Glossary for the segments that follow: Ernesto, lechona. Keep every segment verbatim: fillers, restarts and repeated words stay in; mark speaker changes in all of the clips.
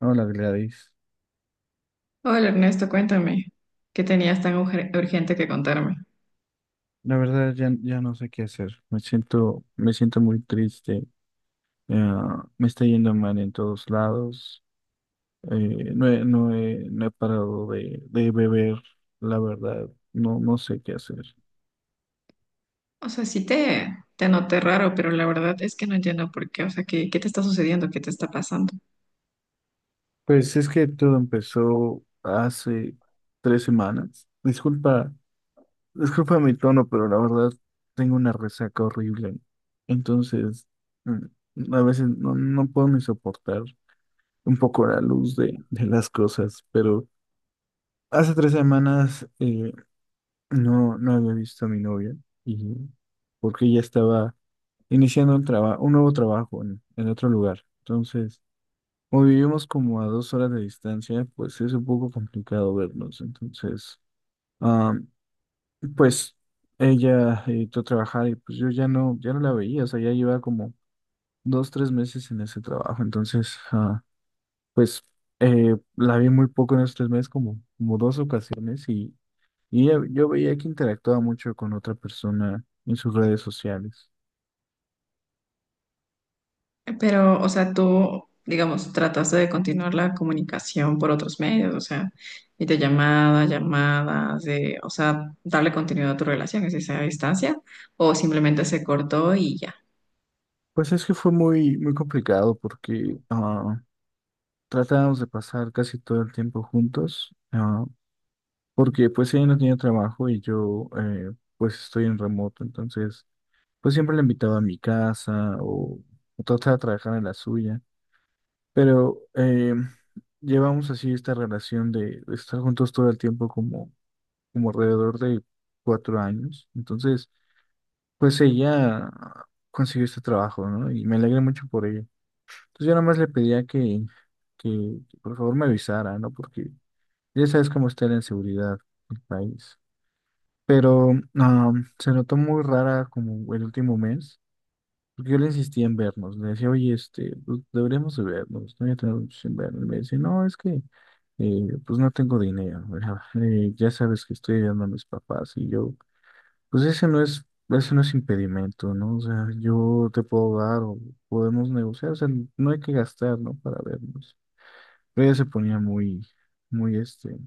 Speaker 1: Hola Gladys,
Speaker 2: Hola Ernesto, cuéntame, ¿qué tenías tan ujer- urgente que contarme?
Speaker 1: la verdad ya, ya no sé qué hacer, me siento, me siento muy triste. Ah, me está yendo mal en todos lados. Eh, no he, no he, no he parado de, de beber, la verdad. No, no sé qué hacer.
Speaker 2: O sea, sí te, te noté raro, pero la verdad es que no entiendo por qué. O sea, ¿qué, qué te está sucediendo? ¿Qué te está pasando?
Speaker 1: Pues es que todo empezó hace tres semanas. Disculpa, disculpa mi tono, pero la verdad tengo una resaca horrible. Entonces, mm, a veces no, no puedo ni soportar un poco la luz de, de las cosas. Pero hace tres semanas, eh, no, no había visto a mi novia, y porque ella estaba iniciando un traba- un nuevo trabajo en, en otro lugar. Entonces, como vivimos como a dos horas de distancia, pues es un poco complicado vernos. Entonces, ah, pues ella editó trabajar, y pues yo ya no, ya no la veía. O sea, ya lleva como dos, tres meses en ese trabajo. Entonces, ah, Pues eh, la vi muy poco en estos tres meses, como, como dos ocasiones, y, y yo yo veía que interactuaba mucho con otra persona en sus redes sociales.
Speaker 2: Pero, o sea, tú, digamos, trataste de continuar la comunicación por otros medios, o sea, videollamadas, llamadas, de, o sea, darle continuidad a tu relación, es esa distancia, o simplemente se cortó y ya.
Speaker 1: Pues es que fue muy, muy complicado porque ah, tratábamos de pasar casi todo el tiempo juntos. Ah, porque pues ella no tenía trabajo, y yo, eh, pues estoy en remoto. Entonces, pues siempre la invitaba a mi casa, o, o trataba de trabajar en la suya. Pero, eh, llevamos así esta relación de, de estar juntos todo el tiempo, como, como alrededor de cuatro años. Entonces, pues ella consiguió este trabajo, ¿no? Y me alegré mucho por ella. Entonces, yo nada más le pedía que, que, que por favor me avisara, ¿no? Porque ya sabes cómo está la inseguridad del país. Pero, ah, se notó muy rara como el último mes. Porque yo le insistía en vernos, le decía, oye, este, pues deberíamos de vernos, no voy a tener mucho sin vernos. Y me decía, no, es que, eh, pues no tengo dinero, ¿verdad? Eh, ya sabes que estoy ayudando a mis papás, y yo, pues ese no es, ese no es impedimento, ¿no? O sea, yo te puedo dar, o podemos negociar. O sea, no hay que gastar, ¿no? Para vernos. Pero ella se ponía muy, muy, este,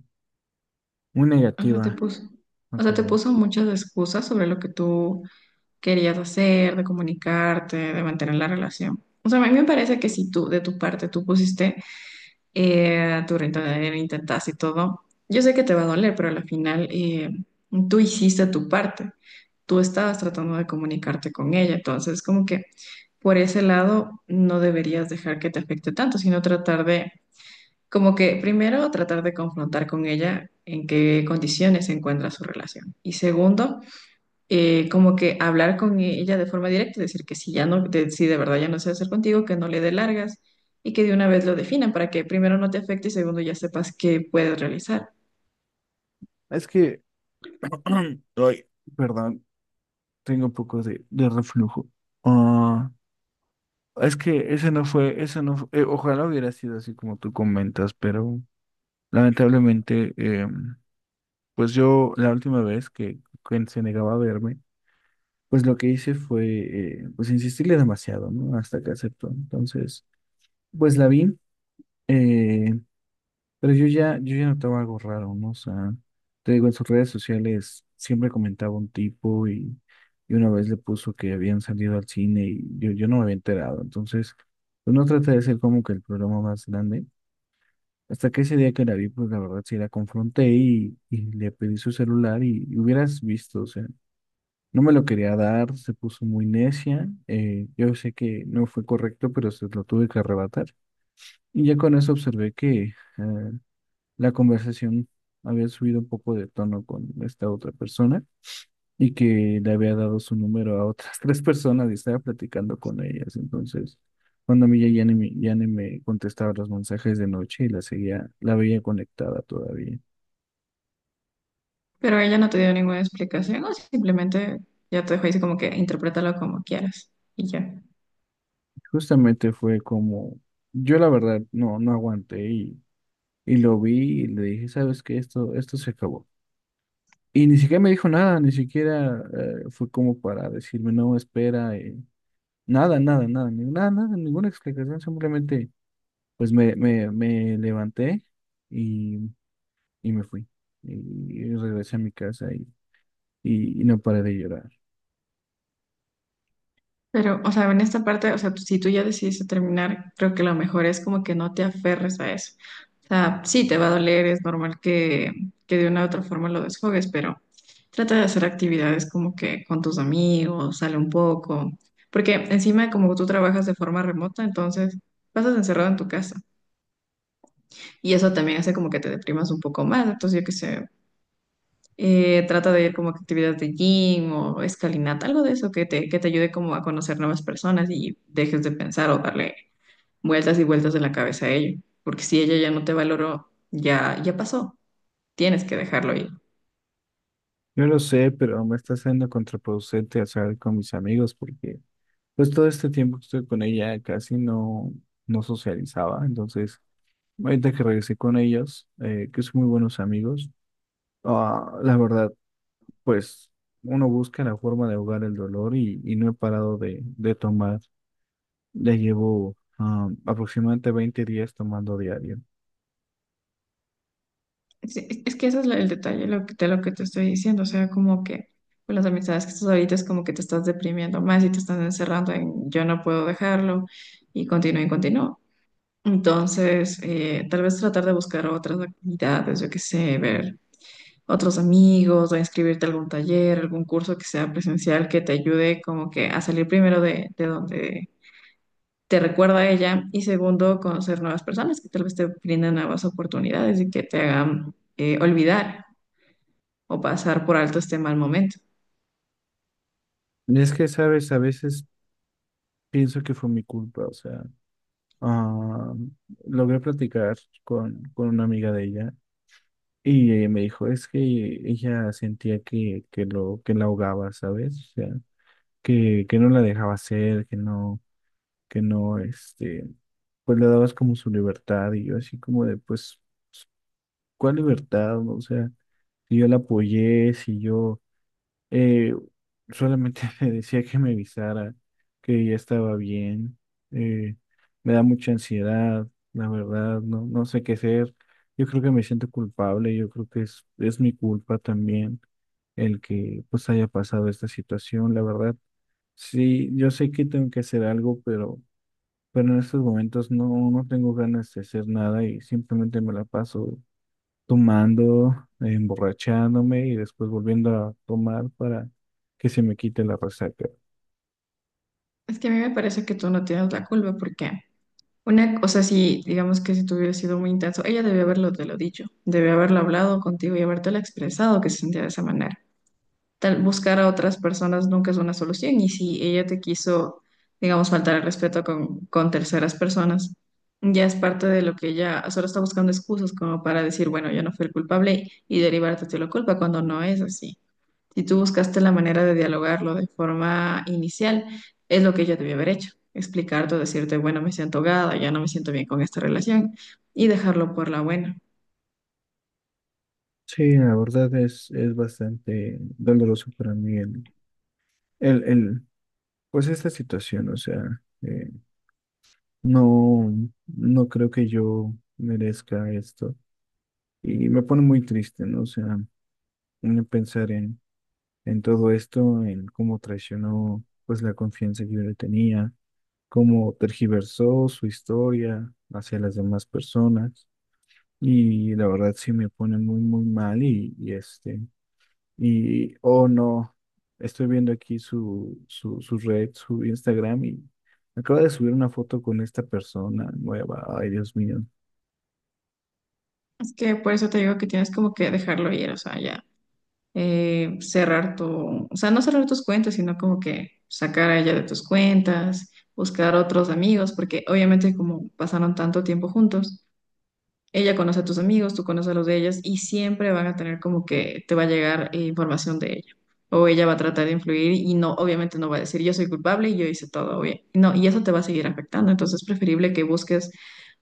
Speaker 1: muy
Speaker 2: O sea, te
Speaker 1: negativa
Speaker 2: puso,
Speaker 1: a
Speaker 2: o sea, te
Speaker 1: querer.
Speaker 2: puso muchas excusas sobre lo que tú querías hacer, de comunicarte, de mantener la relación. O sea, a mí me parece que si tú, de tu parte, tú pusiste eh, tu granito de arena, intentaste y todo, yo sé que te va a doler, pero al final eh, tú hiciste tu parte. Tú estabas tratando de comunicarte con ella, entonces como que por ese lado no deberías dejar que te afecte tanto, sino tratar de como que primero tratar de confrontar con ella en qué condiciones se encuentra su relación. Y segundo, eh, como que hablar con ella de forma directa, decir que si ya no, de, si de verdad ya no se hacer contigo, que no le dé largas y que de una vez lo definan para que primero no te afecte y segundo ya sepas qué puedes realizar.
Speaker 1: Es que, ay, perdón, tengo un poco de, de reflujo. Es que ese no fue, ese no fu- eh, ojalá hubiera sido así como tú comentas, pero lamentablemente, eh, pues yo la última vez que, que se negaba a verme, pues lo que hice fue, eh, pues insistirle demasiado, ¿no? Hasta que aceptó. Entonces, pues la vi. eh, Pero yo ya, yo ya notaba algo raro, ¿no? O sea, te digo, en sus redes sociales siempre comentaba un tipo, y, y una vez le puso que habían salido al cine, y yo, yo no me había enterado. Entonces, pues no trata de ser como que el problema más grande. Hasta que ese día que la vi, pues la verdad sí la confronté, y, y le pedí su celular, y, y hubieras visto. O sea, no me lo quería dar, se puso muy necia. Eh, yo sé que no fue correcto, pero se lo tuve que arrebatar. Y ya con eso observé que eh, la conversación había subido un poco de tono con esta otra persona, y que le había dado su número a otras tres personas y estaba platicando con ellas. Entonces, cuando a mí ya, ya ni, me- ya ni me contestaba los mensajes de noche, y la seguía, la veía conectada todavía.
Speaker 2: Pero ella no te dio ninguna explicación o simplemente ya te dejó ahí como que interprétalo como quieras y ya.
Speaker 1: Justamente fue como, yo la verdad, no, no aguanté, y, y lo vi y le dije, ¿sabes qué? Esto, esto se acabó. Y ni siquiera me dijo nada, ni siquiera eh, fue como para decirme, no, espera. eh, Nada, nada, nada, ni- nada, nada, ninguna explicación. Simplemente pues me, me, me levanté, y, y me fui. Y, y regresé a mi casa, y, y, y no paré de llorar.
Speaker 2: Pero, o sea, en esta parte, o sea, si tú ya decidiste terminar, creo que lo mejor es como que no te aferres a eso. O sea, sí te va a doler, es normal que, que de una u otra forma lo desfogues, pero trata de hacer actividades como que con tus amigos, sale un poco, porque encima como tú trabajas de forma remota, entonces pasas encerrado en tu casa y eso también hace como que te deprimas un poco más. Entonces, yo qué sé, eh, trata de ir como a actividades de gym o escalinata, algo de eso que te, que te ayude como a conocer nuevas personas y dejes de pensar o darle vueltas y vueltas de la cabeza a ello. Porque si ella ya no te valoró, ya, ya pasó. Tienes que dejarlo ir.
Speaker 1: Yo lo sé, pero me está siendo contraproducente hacer con mis amigos porque pues todo este tiempo que estoy con ella casi no, no socializaba. Entonces, ahorita que regresé con ellos, eh, que son muy buenos amigos, ah, la verdad, pues uno busca la forma de ahogar el dolor, y, y no he parado de, de tomar. Ya llevo, ah, aproximadamente veinte días tomando diario.
Speaker 2: Es, es- es que ese es la- el detalle lo que, de lo que te estoy diciendo. O sea, como que con las amistades que estás ahorita es como que te estás deprimiendo más y te estás encerrando en yo no puedo dejarlo y continúa y continúa. Entonces, eh, tal vez tratar de buscar otras actividades, yo qué sé, ver otros amigos o inscribirte a algún taller, algún curso que sea presencial que te ayude como que a salir primero de, de donde te recuerda a ella y segundo, conocer nuevas personas que tal vez te brindan nuevas oportunidades y que te hagan eh, olvidar o pasar por alto este mal momento.
Speaker 1: Y es que, sabes, a veces pienso que fue mi culpa. O sea, ah, logré platicar con, con una amiga de ella, y ella me dijo, es que ella sentía que, que, lo, que la ahogaba, ¿sabes? O sea, que, que no la dejaba hacer, que no, que no, este, pues le dabas como su libertad. Y yo así como de, pues, ¿cuál libertad? O sea, si yo la apoyé, si yo Eh, solamente me decía que me avisara, que ya estaba bien. Eh, Me da mucha ansiedad, la verdad. No, no sé qué hacer. Yo creo que me siento culpable. Yo creo que es, es mi culpa también, el que pues haya pasado esta situación, la verdad. Sí, yo sé que tengo que hacer algo, pero, pero en estos momentos no, no tengo ganas de hacer nada. Y simplemente me la paso tomando, eh, emborrachándome y después volviendo a tomar para que se me quite la resaca.
Speaker 2: Es que a mí me parece que tú no tienes la culpa porque una, o sea, si digamos que si tú hubieras sido muy intenso, ella debió haberlo te lo dicho, debió haberlo hablado contigo y habértelo expresado que se sentía de esa manera. Tal- buscar a otras personas nunca es una solución. Y si ella te quiso, digamos, faltar el respeto con, con terceras personas, ya es parte de lo que ella solo está buscando excusas como para decir, bueno, yo no fui el culpable y derivarte de la culpa cuando no es así. Si tú buscaste la manera de dialogarlo de forma inicial, es lo que ella debió haber hecho. Explicarte decirte, bueno, me siento ahogada, ya no me siento bien con esta relación y dejarlo por la buena.
Speaker 1: Sí, la verdad es, es bastante doloroso para mí el, el, el- pues esta situación. O sea, eh, no, no creo que yo merezca esto, y me pone muy triste, ¿no? O sea, en pensar en, en todo esto, en cómo traicionó pues la confianza que yo le tenía, cómo tergiversó su historia hacia las demás personas. Y la verdad sí me pone muy, muy mal, y, y este, y, oh no, estoy viendo aquí su, su, su red, su Instagram, y acaba de subir una foto con esta persona nueva. Ay Dios mío.
Speaker 2: Es que por eso te digo que tienes como que dejarlo ir, o sea, ya. Eh, cerrar tu, o sea, no cerrar tus cuentas, sino como que sacar a ella de tus cuentas, buscar otros amigos, porque obviamente como pasaron tanto tiempo juntos, ella conoce a tus amigos, tú conoces a los de ellas y siempre van a tener como que te va a llegar eh, información de ella. O ella va a tratar de influir y no, obviamente no va a decir yo soy culpable y yo hice todo bien. No, y eso te va a seguir afectando. Entonces es preferible que busques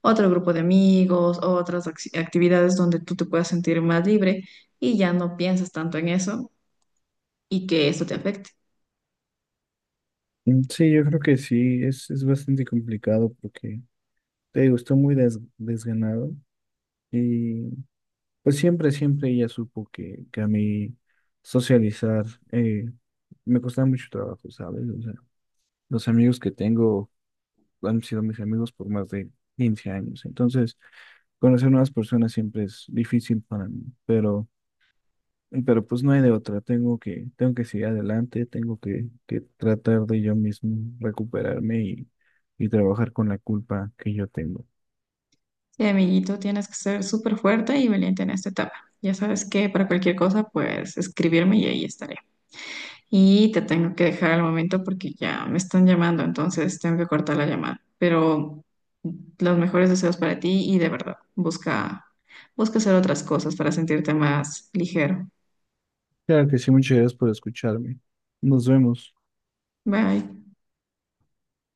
Speaker 2: otro grupo de amigos, otras acci- actividades donde tú te puedas sentir más libre y ya no piensas tanto en eso y que esto te afecte.
Speaker 1: Mm, sí, yo creo que sí, es, es bastante complicado porque te digo, estoy muy des- desganado. Y pues siempre, siempre ella supo que, que a mí socializar, eh, me costaba mucho trabajo, ¿sabes? O sea, los amigos que tengo han sido mis amigos por más de quince años. Entonces, conocer nuevas personas siempre es difícil para mí, pero, pero pues no hay de otra. Tengo que, tengo que seguir adelante, tengo que, que tratar de yo mismo recuperarme, y, y trabajar con la culpa que yo tengo.
Speaker 2: Sí, amiguito, tienes que ser súper fuerte y valiente en esta etapa. Ya sabes que para cualquier cosa, pues escribirme y ahí estaré. Y te tengo que dejar al momento porque ya me están llamando, entonces tengo que cortar la llamada. Pero los mejores deseos para ti y de verdad, busca, busca hacer otras cosas para sentirte más ligero.
Speaker 1: Claro que sí, muchas gracias por escucharme. Nos vemos.
Speaker 2: Bye.